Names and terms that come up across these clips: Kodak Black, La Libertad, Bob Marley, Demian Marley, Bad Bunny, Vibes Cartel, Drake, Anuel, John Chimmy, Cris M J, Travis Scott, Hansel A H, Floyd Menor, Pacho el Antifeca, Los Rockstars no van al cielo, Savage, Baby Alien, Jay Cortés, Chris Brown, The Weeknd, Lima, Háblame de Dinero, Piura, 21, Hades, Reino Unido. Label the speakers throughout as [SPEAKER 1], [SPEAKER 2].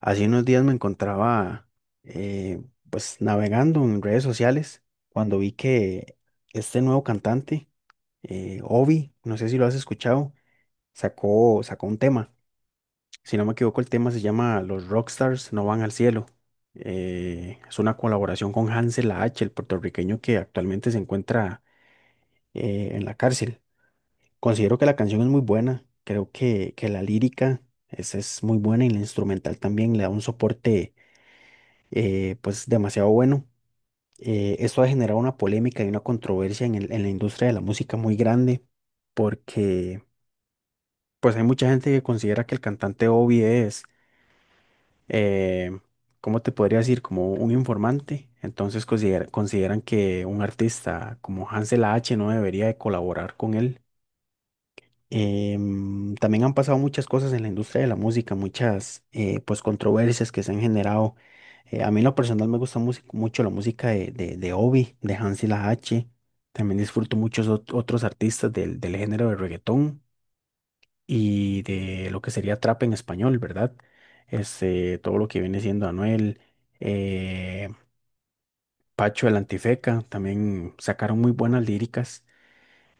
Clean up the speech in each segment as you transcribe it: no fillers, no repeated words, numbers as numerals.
[SPEAKER 1] Hace unos días me encontraba eh, pues navegando en redes sociales cuando vi que este nuevo cantante, Ovi, no sé si lo has escuchado, sacó un tema. Si no me equivoco, el tema se llama Los Rockstars no van al cielo. Es una colaboración con Hansel A H, el puertorriqueño que actualmente se encuentra en la cárcel. Considero que la canción es muy buena, creo que la lírica es muy buena y la instrumental también le da un soporte pues demasiado bueno. Esto ha generado una polémica y una controversia en en la industria de la música muy grande, porque pues hay mucha gente que considera que el cantante Obi eh, ¿cómo te podría decir? Como un informante. Entonces consideran que un artista como Hansel H no debería de colaborar con él. También han pasado muchas cosas en la industria de la música, muchas pues controversias que se han generado. A mí en lo personal me gusta mucho la música de Obi, de Hansi la H. También disfruto muchos otros artistas del género de reggaetón y de lo que sería trap en español, ¿verdad? Este, todo lo que viene siendo Anuel, eh, Pacho el Antifeca, también sacaron muy buenas líricas.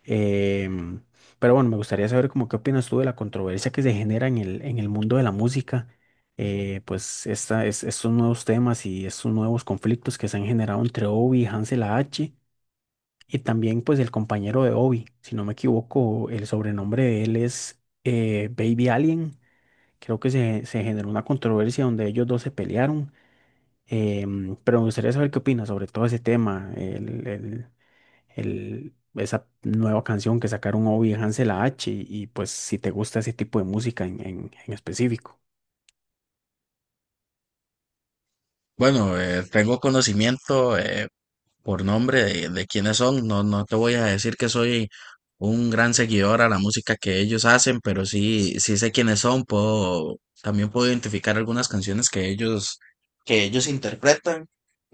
[SPEAKER 1] Em, pero bueno, me gustaría saber como qué opinas tú de la controversia que se genera en en el mundo de la música, pues estos nuevos temas y estos nuevos conflictos que se han generado entre Obi y Hansel A H y también pues el compañero de Obi, si no me equivoco, el sobrenombre de él es Baby Alien, creo que se generó una controversia donde ellos dos se pelearon, pero me gustaría saber qué opinas sobre todo ese tema, esa nueva canción que sacaron Obi y Hansel A H pues si te gusta ese tipo de música en, en específico.
[SPEAKER 2] Bueno, tengo conocimiento por nombre de quiénes son. No te voy a decir que soy un gran seguidor a la música que ellos hacen, pero sí, sí sé quiénes son. Puedo, también puedo identificar algunas canciones que ellos interpretan.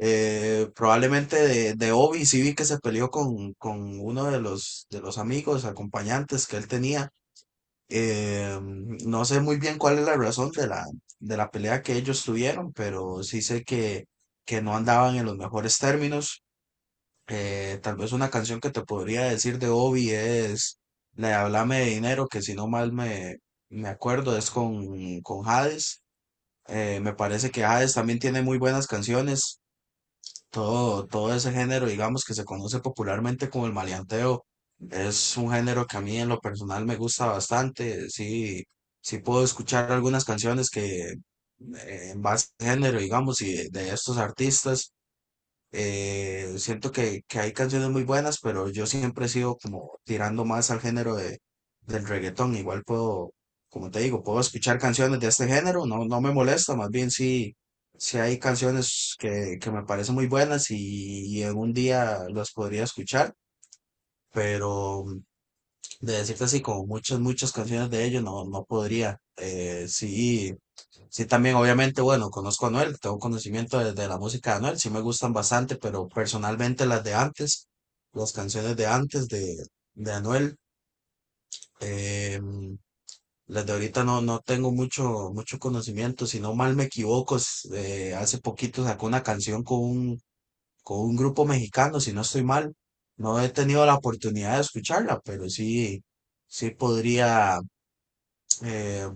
[SPEAKER 2] Probablemente de Obi, sí vi que se peleó con uno de los amigos, acompañantes que él tenía. No sé muy bien cuál es la razón de la pelea que ellos tuvieron, pero sí sé que no andaban en los mejores términos. Tal vez una canción que te podría decir de Obi es la de Háblame de Dinero, que si no mal me acuerdo es con Hades. Me parece que Hades también tiene muy buenas canciones. Todo ese género, digamos, que se conoce popularmente como el maleanteo, es un género que a mí en lo personal me gusta bastante. Sí, sí puedo escuchar algunas canciones que en base al género, digamos, y de estos artistas. Siento que hay canciones muy buenas, pero yo siempre he sido como tirando más al género del reggaetón. Igual puedo, como te digo, puedo escuchar canciones de este género, no, no me molesta, más bien sí, sí hay canciones que me parecen muy buenas y algún día las podría escuchar, pero de decirte así, como muchas, muchas canciones de ellos, no, no podría. Sí. Sí, también, obviamente, bueno, conozco a Anuel, tengo conocimiento de la música de Anuel, sí me gustan bastante, pero personalmente las de antes, las canciones de antes de Anuel, em, las de ahorita no, no tengo mucho, mucho conocimiento. Si no mal me equivoco, es, hace poquito sacó una canción con un grupo mexicano, si no estoy mal, no he tenido la oportunidad de escucharla, pero sí, sí podría eh,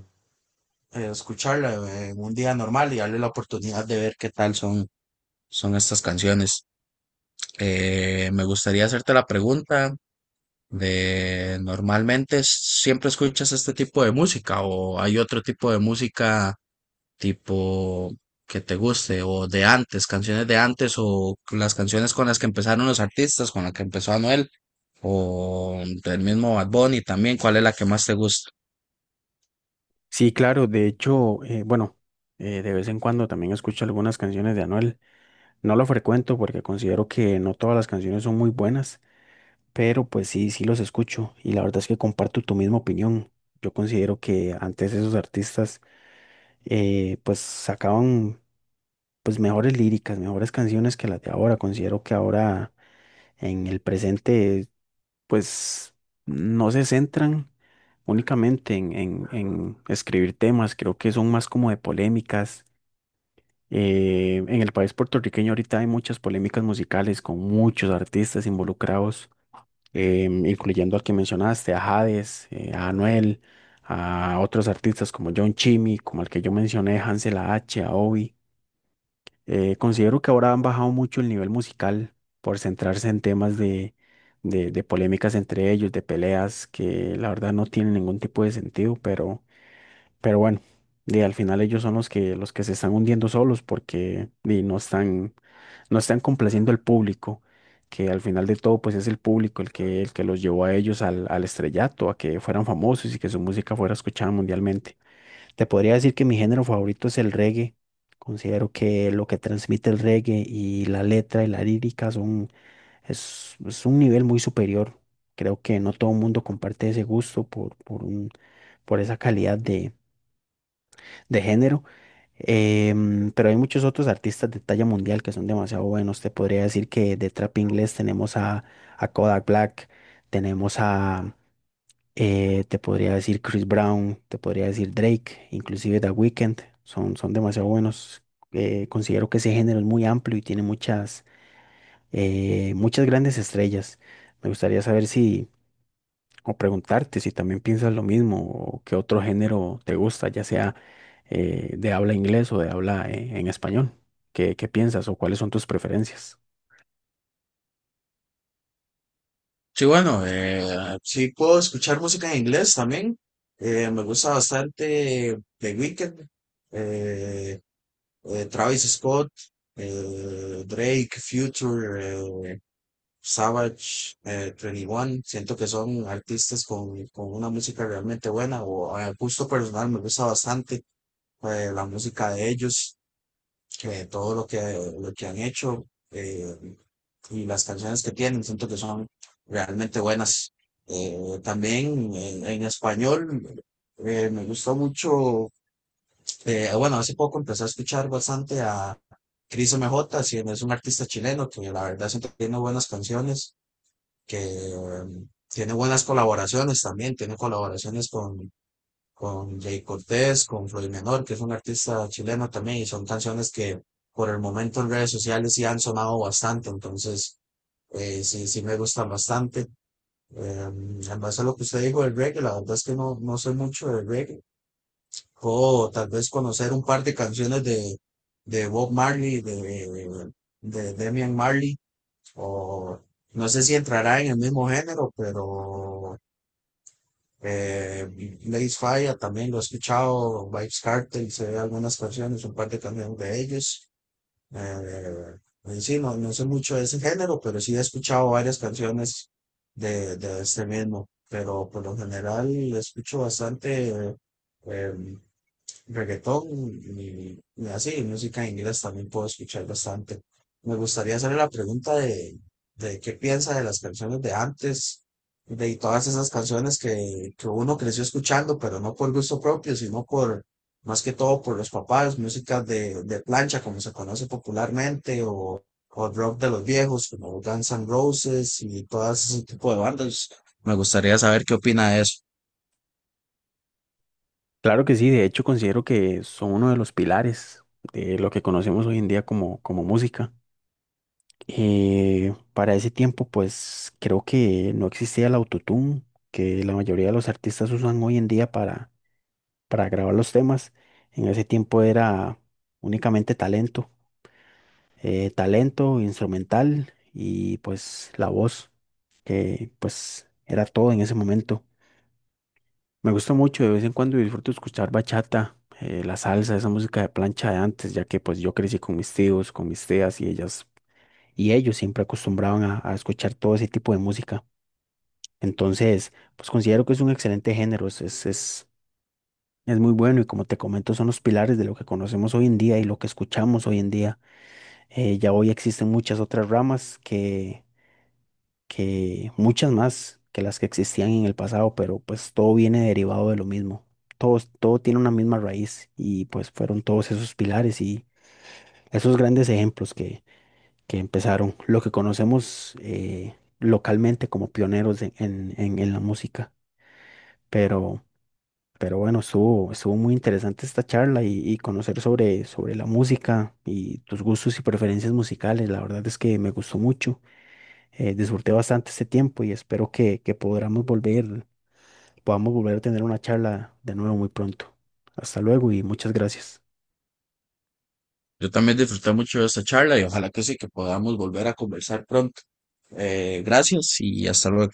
[SPEAKER 2] escucharla en un día normal y darle la oportunidad de ver qué tal son. Son estas canciones. Me gustaría hacerte la pregunta de, ¿normalmente siempre escuchas este tipo de música o hay otro tipo de música tipo que te guste o de antes, canciones de antes o las canciones con las que empezaron los artistas, con la que empezó Anuel o del mismo Bad Bunny también? ¿Cuál es la que más te gusta?
[SPEAKER 1] Sí, claro, de hecho, bueno, de vez en cuando también escucho algunas canciones de Anuel. No lo frecuento porque considero que no todas las canciones son muy buenas, pero pues sí, sí los escucho y la verdad es que comparto tu misma opinión. Yo considero que antes esos artistas pues sacaban pues mejores líricas, mejores canciones que las de ahora. Considero que ahora en el presente pues no se centran únicamente en, en escribir temas, creo que son más como de polémicas. En el país puertorriqueño ahorita hay muchas polémicas musicales con muchos artistas involucrados, incluyendo al que mencionaste, a Hades, a Anuel, a otros artistas como John Chimmy, como el que yo mencioné, Hansel a H, a Obi. Considero que ahora han bajado mucho el nivel musical por centrarse en temas de polémicas entre ellos, de peleas que la verdad no tienen ningún tipo de sentido, pero, bueno, al final ellos son los que, se están hundiendo solos porque no están complaciendo al público, que al final de todo pues es el público el que los llevó a ellos al estrellato, a que fueran famosos y que su música fuera escuchada mundialmente. Te podría decir que mi género favorito es el reggae. Considero que lo que transmite el reggae y la letra y la lírica es un nivel muy superior. Creo que no todo el mundo comparte ese gusto por esa calidad de género. Pero hay muchos otros artistas de talla mundial que son demasiado buenos. Te podría decir que de trap inglés tenemos a Kodak Black, tenemos a, te podría decir Chris Brown, te podría decir Drake, inclusive The Weeknd, son demasiado buenos. Considero que ese género es muy amplio y tiene muchas grandes estrellas. Me gustaría saber o preguntarte si también piensas lo mismo o qué otro género te gusta, ya sea de habla inglés o de habla en español. ¿Qué piensas o cuáles son tus preferencias?
[SPEAKER 2] Sí, bueno, sí puedo escuchar música en inglés también. Me gusta bastante The Weeknd. eh, Travis Scott, Drake, Future, Savage, 21. Siento que son artistas con una música realmente buena o a gusto personal me gusta bastante la música de ellos, todo lo lo que han hecho y las canciones que tienen. Siento que son realmente buenas. También en español me gusta mucho bueno, hace poco empecé a escuchar bastante a Cris M J si es un artista chileno que la verdad siempre tiene buenas canciones, que tiene buenas colaboraciones también, tiene colaboraciones con Jay Cortés, con Floyd Menor, que es un artista chileno también, y son canciones que por el momento en redes sociales sí han sonado bastante, entonces sí, sí me gustan bastante. Eh, en base a lo que usted dijo del reggae, la verdad es que no, no soy mucho de reggae, o tal vez conocer un par de canciones de Bob Marley, de Demian Marley, o no sé si entrará en el mismo género, pero eh, Blaze Fire también lo he escuchado, Vibes Cartel, sé algunas canciones, un par de canciones de ellos. Eh, en sí, no, no sé mucho de ese género, pero sí he escuchado varias canciones de este mismo. Pero por lo general escucho bastante eh, reggaetón y así, música en inglés también puedo escuchar bastante. Me gustaría hacerle la pregunta de qué piensa de las canciones de antes, de todas esas canciones que uno creció escuchando, pero no por gusto propio, sino por, más que todo por los papás, música de plancha, como se conoce popularmente, o rock de los viejos, como Guns N' Roses y todo ese tipo de bandas. Me gustaría saber qué opina de eso.
[SPEAKER 1] Claro que sí, de hecho considero que son uno de los pilares de lo que conocemos hoy en día como música. Para ese tiempo, pues creo que no existía el autotune que la mayoría de los artistas usan hoy en día para grabar los temas. En ese tiempo era únicamente talento, talento instrumental y pues la voz, que pues era todo en ese momento. Me gusta mucho de vez en cuando y disfruto escuchar bachata, la salsa, esa música de plancha de antes, ya que pues yo crecí con mis tíos, con mis tías y ellas y ellos siempre acostumbraban a escuchar todo ese tipo de música. Entonces, pues considero que es un excelente género, es muy bueno y como te comento, son los pilares de lo que conocemos hoy en día y lo que escuchamos hoy en día. Ya hoy existen muchas otras ramas que muchas más que las que existían en el pasado, pero pues todo viene derivado de lo mismo. Todo tiene una misma raíz y pues fueron todos esos pilares y esos grandes ejemplos que empezaron lo que conocemos localmente como pioneros en, en la música. Pero, bueno, estuvo muy interesante esta charla y conocer sobre la música y tus gustos y preferencias musicales. La verdad es que me gustó mucho. Disfruté bastante este tiempo y espero que podamos volver, a tener una charla de nuevo muy pronto. Hasta luego y muchas gracias.
[SPEAKER 2] Yo también disfruté mucho de esta charla y ojalá que sí, que podamos volver a conversar pronto. Gracias y hasta luego.